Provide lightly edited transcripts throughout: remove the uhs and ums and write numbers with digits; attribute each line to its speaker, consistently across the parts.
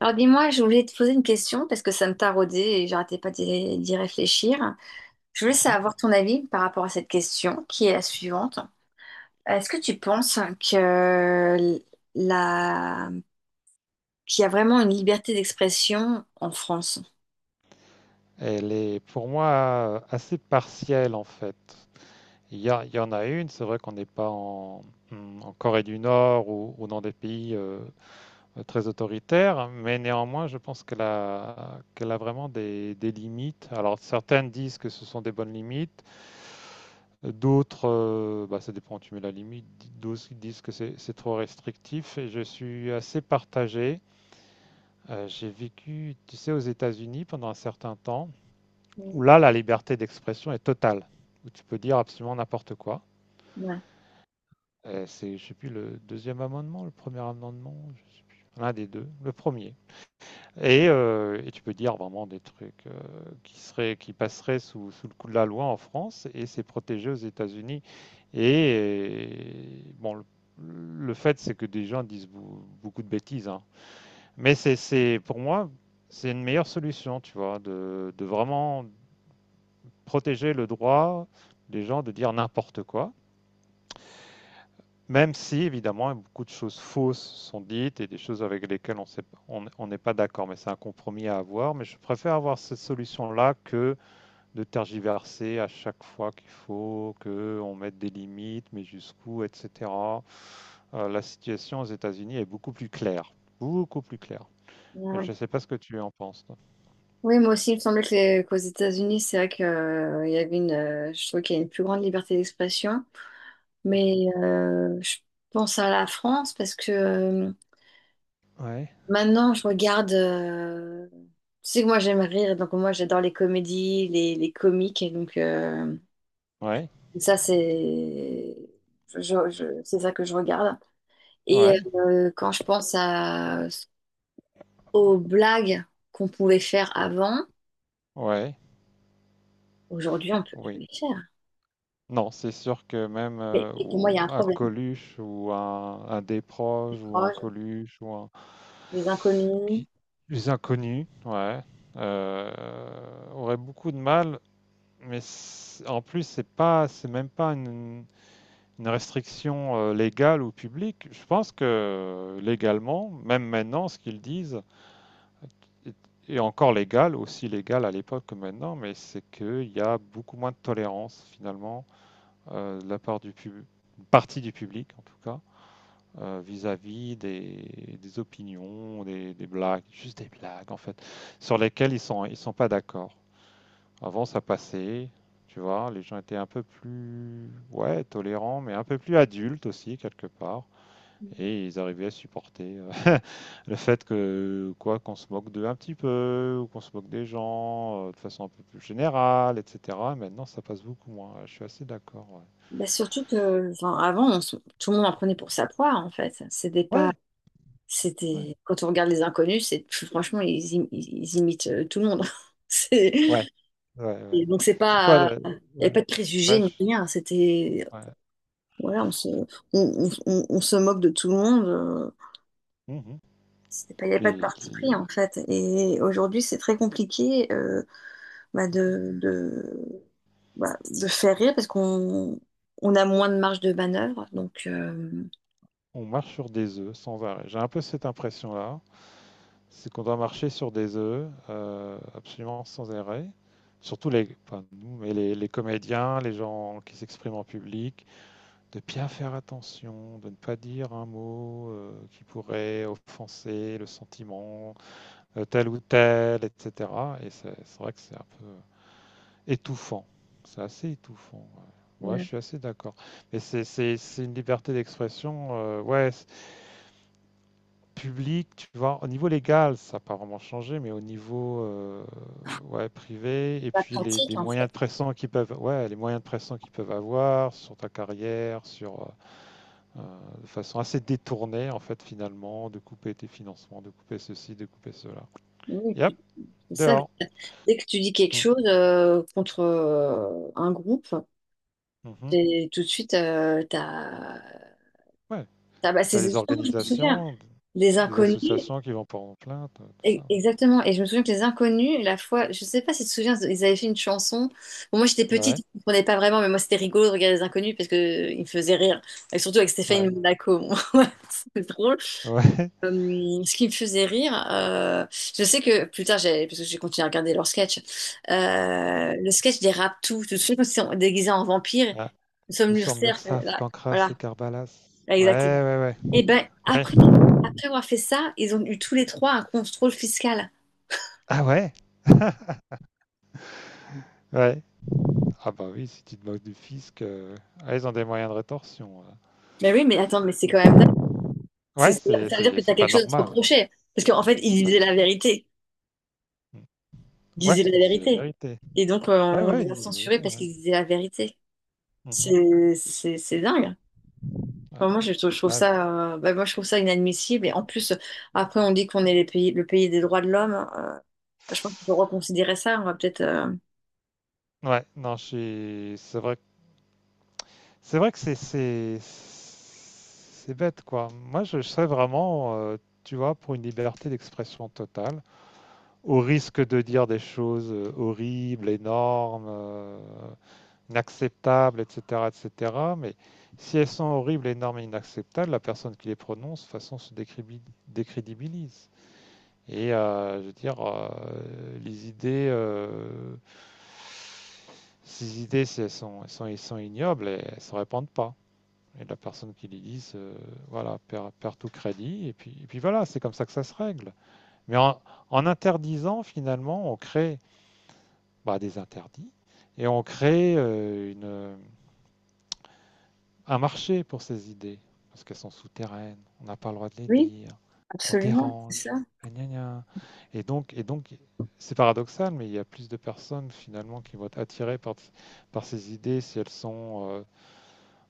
Speaker 1: Alors dis-moi, je voulais te poser une question parce que ça me taraudait et j'arrêtais pas d'y réfléchir. Je voulais
Speaker 2: Mhm.
Speaker 1: savoir ton avis par rapport à cette question qui est la suivante. Est-ce que tu penses que la... qu'il y a vraiment une liberté d'expression en France?
Speaker 2: Elle est pour moi assez partielle en fait. Il y en a une, c'est vrai qu'on n'est pas en, hmm, en Corée du Nord ou dans des pays très autoritaires, mais néanmoins je pense qu'elle a vraiment des limites. Alors certaines disent que ce sont des bonnes limites, d'autres, ça dépend où tu mets la limite, d'autres disent que c'est trop restrictif et je suis assez partagé. J'ai vécu, tu sais, aux États-Unis pendant un certain temps,
Speaker 1: Ouais.
Speaker 2: où là, la liberté d'expression est totale, où tu peux dire absolument n'importe quoi.
Speaker 1: Ouais,
Speaker 2: Je sais plus, le deuxième amendement, le premier amendement, l'un des deux, le premier. Et tu peux dire vraiment des trucs qui seraient, qui passeraient sous le coup de la loi en France, et c'est protégé aux États-Unis. Et et bon, le, le fait, c'est que des gens disent beaucoup de bêtises, hein. Mais pour moi, c'est une meilleure solution, tu vois, de vraiment protéger le droit des gens de dire n'importe quoi, même si évidemment beaucoup de choses fausses sont dites et des choses avec lesquelles on n'est pas d'accord, mais c'est un compromis à avoir. Mais je préfère avoir cette solution-là que de tergiverser à chaque fois qu'il faut, qu'on mette des limites, mais jusqu'où, etc. La situation aux États-Unis est beaucoup plus claire, beaucoup plus claire. Et
Speaker 1: ouais.
Speaker 2: je ne sais pas ce que tu en penses, toi.
Speaker 1: Oui, moi aussi, il me semblait que qu'aux États-Unis, c'est vrai que, il y avait une, je trouve qu'il y a une plus grande liberté d'expression.
Speaker 2: Mhm.
Speaker 1: Mais je pense à la France parce que
Speaker 2: Ouais.
Speaker 1: maintenant, je regarde. Tu sais que moi, j'aime rire, donc moi, j'adore les comédies, les comiques, et donc
Speaker 2: Ouais,
Speaker 1: ça, c'est c'est ça que je regarde. Et
Speaker 2: ouais,
Speaker 1: quand je pense à, aux blagues qu'on pouvait faire avant,
Speaker 2: ouais,
Speaker 1: aujourd'hui, on peut plus
Speaker 2: oui.
Speaker 1: les faire.
Speaker 2: Non, c'est sûr que même
Speaker 1: Et pour moi, il y a
Speaker 2: ou
Speaker 1: un
Speaker 2: un
Speaker 1: problème.
Speaker 2: Coluche ou un Desproges ou un
Speaker 1: Proche,
Speaker 2: Coluche ou un...
Speaker 1: des inconnus.
Speaker 2: qui- Les inconnus, ouais, euh, auraient beaucoup de mal, mais en plus, c'est même pas une restriction légale ou publique. Je pense que légalement, même maintenant, ce qu'ils disent est, est encore légal, aussi légal à l'époque que maintenant, mais c'est qu'il y a beaucoup moins de tolérance finalement de la part du partie du public en tout cas, vis-à-vis des opinions, des blagues, juste des blagues en fait, sur lesquelles ils sont pas d'accord. Avant ça passait, tu vois, les gens étaient un peu plus ouais tolérants, mais un peu plus adultes aussi quelque part, et ils arrivaient à supporter le fait que quoi qu'on se moque d'eux un petit peu, ou qu'on se moque des gens de façon un peu plus générale, etc. Maintenant ça passe beaucoup moins. Je suis assez d'accord. Ouais.
Speaker 1: Bah, surtout que, enfin, avant, tout le monde en prenait pour sa poire, en fait. C'était pas
Speaker 2: Ouais, ouais.
Speaker 1: C'était quand on regarde les inconnus, c'est franchement ils, ils imitent tout le monde.
Speaker 2: Ouais,
Speaker 1: C'est-
Speaker 2: ouais, ouais.
Speaker 1: et donc c'est
Speaker 2: C'est quoi
Speaker 1: pas il
Speaker 2: le
Speaker 1: n'y avait
Speaker 2: ouais,
Speaker 1: pas de préjugés
Speaker 2: ouais,
Speaker 1: ni
Speaker 2: je-
Speaker 1: rien, c'était
Speaker 2: ouais.
Speaker 1: voilà, on se moque de tout le monde,
Speaker 2: Mhm.
Speaker 1: c'était pas il n'y avait pas de
Speaker 2: Mais
Speaker 1: parti pris en fait. Et aujourd'hui, c'est très compliqué bah, de bah, de faire rire parce qu'on on a moins de marge de manœuvre, donc
Speaker 2: on marche sur des œufs sans arrêt. J'ai un peu cette impression-là, c'est qu'on doit marcher sur des œufs absolument sans arrêt. Surtout pas nous, mais les comédiens, les gens qui s'expriment en public, de bien faire attention, de ne pas dire un mot qui pourrait offenser le sentiment tel ou tel, etc. Et c'est vrai que c'est un peu étouffant. C'est assez étouffant. Ouais, ouais,
Speaker 1: Ouais.
Speaker 2: je suis assez d'accord. Mais c'est une liberté d'expression, ouais, publique, tu vois. Au niveau légal, ça n'a pas vraiment changé, mais au niveau ouais, privé, et
Speaker 1: Pas de
Speaker 2: puis
Speaker 1: pratique
Speaker 2: les
Speaker 1: en
Speaker 2: moyens
Speaker 1: fait.
Speaker 2: de pression qu'ils peuvent, ouais, les moyens de pression qu'ils peuvent avoir sur ta carrière, sur de façon assez détournée, en fait, finalement, de couper tes financements, de couper ceci, de couper cela.
Speaker 1: Oui,
Speaker 2: Yep,
Speaker 1: c'est ça,
Speaker 2: dehors.
Speaker 1: dès que tu dis quelque
Speaker 2: Mm,
Speaker 1: chose contre un groupe,
Speaker 2: mhm.
Speaker 1: c'est tout de suite,
Speaker 2: Ouais,
Speaker 1: bah, c'est
Speaker 2: t'as des
Speaker 1: justement, je me souviens,
Speaker 2: organisations,
Speaker 1: les
Speaker 2: des
Speaker 1: inconnus,
Speaker 2: associations qui vont porter en plainte, tout
Speaker 1: e-
Speaker 2: ça,
Speaker 1: exactement, et je me souviens que les inconnus, la fois, je sais pas si tu te souviens, ils avaient fait une chanson, bon, moi j'étais petite,
Speaker 2: ouais.
Speaker 1: je comprenais pas vraiment, mais moi c'était rigolo de regarder les inconnus parce que ils me faisaient rire, et surtout avec Stéphane
Speaker 2: Ouais,
Speaker 1: Monaco, moi, c'était drôle.
Speaker 2: ouais, ouais.
Speaker 1: Ce qui me faisait rire, je sais que plus tard, parce que j'ai continué à regarder leur sketch,
Speaker 2: ouais.
Speaker 1: le sketch des Raptous, tout de suite, quand ils sont déguisés en vampires,
Speaker 2: Ah,
Speaker 1: nous sommes
Speaker 2: nous sommes
Speaker 1: l'URSSAF,
Speaker 2: l'URSSAF,
Speaker 1: là,
Speaker 2: Cancras
Speaker 1: voilà,
Speaker 2: et Carbalas.
Speaker 1: là,
Speaker 2: Ouais,
Speaker 1: exactement.
Speaker 2: ouais, ouais.
Speaker 1: Et ben
Speaker 2: Ouais.
Speaker 1: après, après avoir fait ça, ils ont eu tous les trois un contrôle fiscal.
Speaker 2: Ah ouais? Ouais. Ah bah oui, si tu te moques du fisc, ah, ils ont des moyens de rétorsion,
Speaker 1: Mais oui, mais attends, mais c'est quand même dingue.
Speaker 2: Ouais, c'est
Speaker 1: Ça veut dire
Speaker 2: c'est
Speaker 1: que tu as
Speaker 2: c'est pas
Speaker 1: quelque chose à te
Speaker 2: normal.
Speaker 1: reprocher. Parce qu'en fait,
Speaker 2: C'est
Speaker 1: ils
Speaker 2: pas
Speaker 1: disaient la
Speaker 2: normal.
Speaker 1: vérité.
Speaker 2: Mm.
Speaker 1: Ils disaient
Speaker 2: Ouais,
Speaker 1: la
Speaker 2: ils disent la
Speaker 1: vérité.
Speaker 2: vérité.
Speaker 1: Et donc,
Speaker 2: Ouais,
Speaker 1: on
Speaker 2: ouais, ils
Speaker 1: les a
Speaker 2: disent la
Speaker 1: censurés
Speaker 2: vérité,
Speaker 1: parce
Speaker 2: ouais.
Speaker 1: qu'ils disaient la vérité.
Speaker 2: Mhm.
Speaker 1: C'est dingue.
Speaker 2: Ouais,
Speaker 1: Enfin, moi, je trouve
Speaker 2: ouais,
Speaker 1: ça, bah, moi, je trouve ça inadmissible. Et en plus, après, on dit qu'on est le pays des droits de l'homme. Je pense qu'il faut reconsidérer ça. On va peut-être.
Speaker 2: ouais, non, c'est vrai, c'est vrai que c'est bête quoi. Moi, je serais vraiment, tu vois, pour une liberté d'expression totale, au risque de dire des choses horribles, énormes, inacceptables, etc., etc. Mais si elles sont horribles, énormes et inacceptables, la personne qui les prononce, de toute façon, se décrédibilise. Et je veux dire, les idées, ces idées, si elles sont ignobles, elles ne se répandent pas. Et la personne qui lui dise, voilà, perd tout crédit, et puis voilà, c'est comme ça que ça se règle. Mais en interdisant, finalement, on crée bah, des interdits, et on crée un marché pour ces idées, parce qu'elles sont souterraines, on n'a pas le droit de les
Speaker 1: Oui,
Speaker 2: dire, on
Speaker 1: absolument, c'est
Speaker 2: dérange,
Speaker 1: ça.
Speaker 2: gna gna, et donc c'est paradoxal, mais il y a plus de personnes finalement qui vont être attirées par ces idées si elles sont euh,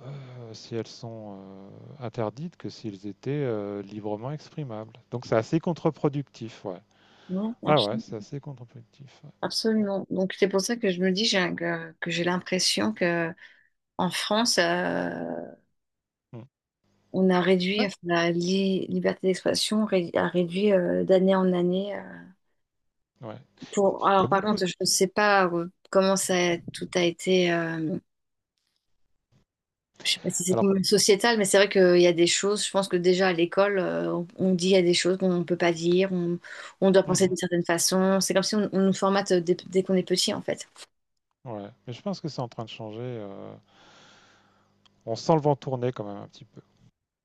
Speaker 2: Heu, si interdites que s'ils étaient, librement exprimables. Donc c'est assez contre-productif, ouais.
Speaker 1: Non,
Speaker 2: Ah ouais, c'est
Speaker 1: absolument.
Speaker 2: assez contre-productif, ouais. Bon,
Speaker 1: Absolument. Donc, c'est pour ça que je me dis que j'ai l'impression que en France,
Speaker 2: mmh.
Speaker 1: on a réduit
Speaker 2: Ouais,
Speaker 1: enfin, la liberté d'expression, a réduit d'année en année.
Speaker 2: ouais.
Speaker 1: Pour...
Speaker 2: Il y
Speaker 1: Alors,
Speaker 2: a
Speaker 1: par
Speaker 2: beaucoup
Speaker 1: contre, je ne sais pas comment ça, tout a été. Je sais pas si c'est
Speaker 2: alors
Speaker 1: problème sociétal, mais c'est vrai qu'il y a des choses, je pense que déjà à l'école, on dit il y a des choses qu'on ne peut pas dire, on doit
Speaker 2: mmh
Speaker 1: penser
Speaker 2: mmh.
Speaker 1: d'une certaine façon. C'est comme si on, on nous formate dès qu'on est petit, en fait.
Speaker 2: Ouais, mais je pense que c'est en train de changer, on sent le vent tourner quand même un petit peu.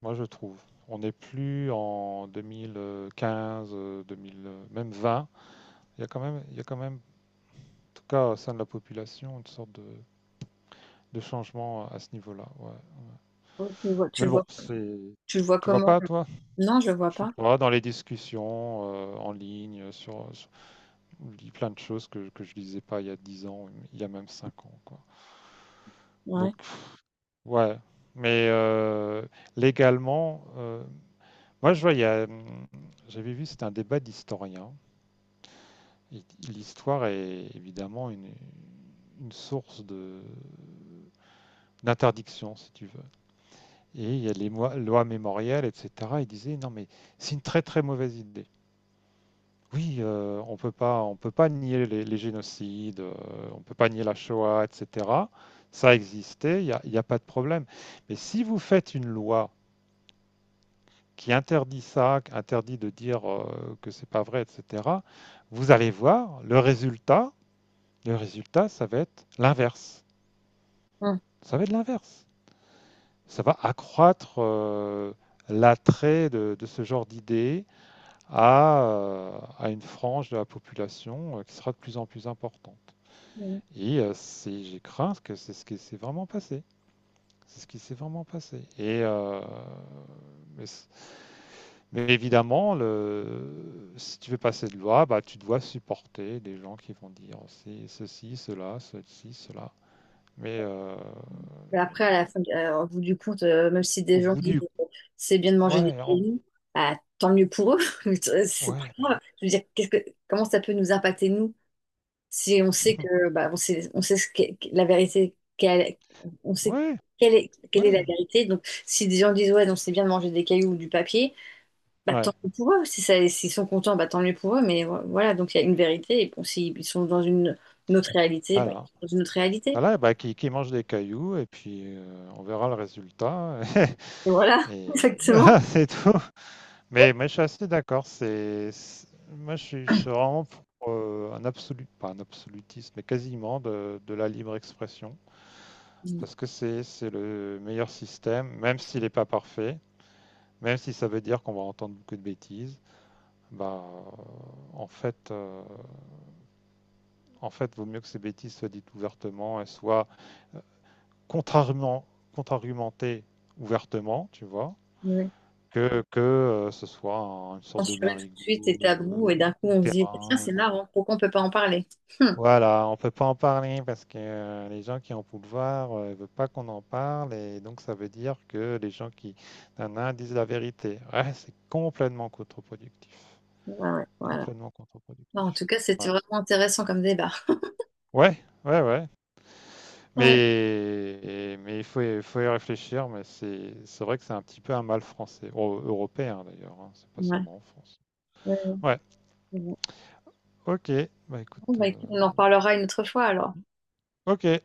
Speaker 2: Moi, je trouve. On n'est plus en 2015, 2000, même 20. Il y a quand même en tout cas au sein de la population, une sorte de changement à ce niveau-là, ouais.
Speaker 1: Oh,
Speaker 2: Mais bon, c'est.
Speaker 1: tu le vois
Speaker 2: Tu vas
Speaker 1: comment?
Speaker 2: pas, toi?
Speaker 1: Non, je le vois
Speaker 2: Je sais
Speaker 1: pas.
Speaker 2: pas, dans les discussions en ligne, on lit plein de choses que je lisais pas il y a 10 ans, il y a même 5 ans, quoi.
Speaker 1: Ouais.
Speaker 2: Donc, pff, ouais. Mais légalement, moi, je vois, j'avais vu, c'était un débat d'historiens. Et l'histoire est évidemment une source d'interdiction, si tu veux. Et il y a les lois mémorielles, etc. Ils disaient, non, mais c'est une très, très mauvaise idée. Oui, on peut pas nier les génocides, on peut pas nier la Shoah, etc. Ça existait, y a pas de problème. Mais si vous faites une loi qui interdit ça, qui interdit de dire que c'est pas vrai, etc., vous allez voir le résultat. Le résultat, ça va être l'inverse.
Speaker 1: Hum.
Speaker 2: Ça va être l'inverse. Ça va accroître l'attrait de ce genre d'idées à une frange de la population qui sera de plus en plus importante.
Speaker 1: Hum.
Speaker 2: Et j'ai craint que c'est ce qui s'est vraiment passé. C'est ce qui s'est vraiment passé. Et mais, c- mais évidemment, le, si tu veux passer de loi, bah, tu dois supporter des gens qui vont dire oh, c'est ceci, cela, ceci, cela. Mais
Speaker 1: Mais après, à la fin, au bout du compte, même si des
Speaker 2: au
Speaker 1: gens
Speaker 2: bout
Speaker 1: disent
Speaker 2: du...
Speaker 1: que c'est bien de manger des
Speaker 2: Ouais, en-
Speaker 1: cailloux, bah, tant mieux pour eux. Mais c'est pas
Speaker 2: ouais,
Speaker 1: grave.
Speaker 2: mais...
Speaker 1: Je veux dire, comment ça peut nous impacter, nous? Si on sait que, bah, on sait la vérité, on sait
Speaker 2: Ouais,
Speaker 1: quelle est la
Speaker 2: ouais,
Speaker 1: vérité. Donc, si des gens disent, ouais, donc c'est bien de manger des cailloux ou du papier, bah,
Speaker 2: ouais.
Speaker 1: tant mieux pour eux. Si ça, s'ils sont contents, bah, tant mieux pour eux. Mais voilà, donc il y a une vérité. Et bon, s'ils sont dans une autre réalité, bah,
Speaker 2: Voilà.
Speaker 1: ils sont dans une autre réalité.
Speaker 2: Voilà, bah, qui mange des cailloux et puis on verra le résultat.
Speaker 1: Et voilà,
Speaker 2: Et voilà,
Speaker 1: exactement.
Speaker 2: c'est tout. Mais je suis assez d'accord. Moi, je suis vraiment pour un absolu, pas un absolutisme, mais quasiment de la libre expression. Parce que c'est le meilleur système, même s'il n'est pas parfait, même si ça veut dire qu'on va entendre beaucoup de bêtises. Bah, euh, en fait, euh, en fait, vaut mieux que ces bêtises soient dites ouvertement et soient contrairement, contre-argumentées ouvertement, tu vois,
Speaker 1: Ouais.
Speaker 2: que ce soit une sorte de
Speaker 1: Censurer tout de suite
Speaker 2: marigot,
Speaker 1: est tabou. Et d'un coup, on se dit, bah, tiens,
Speaker 2: terrain.
Speaker 1: c'est marrant, pourquoi on peut pas en parler? Hum.
Speaker 2: Voilà, on peut pas en parler parce que les gens qui ont pouvoir ne veulent pas qu'on en parle et donc ça veut dire que les gens qui nanana, disent la vérité. Ouais, c'est complètement contre-productif.
Speaker 1: Ouais, ouais, voilà.
Speaker 2: Complètement
Speaker 1: Non, en
Speaker 2: contre-productif.
Speaker 1: tout cas, c'était
Speaker 2: Ouais.
Speaker 1: vraiment intéressant comme débat.
Speaker 2: Ouais, ouais, ouais.
Speaker 1: Ouais.
Speaker 2: Mais il faut, faut y réfléchir, mais c'est vrai que c'est un petit peu un mal français, européen d'ailleurs, hein, c'est pas
Speaker 1: Ouais.
Speaker 2: seulement en France. Ouais,
Speaker 1: Ouais.
Speaker 2: ok, bah
Speaker 1: Bon,
Speaker 2: écoute,
Speaker 1: bah, écoute, on en reparlera une autre fois alors.
Speaker 2: ok.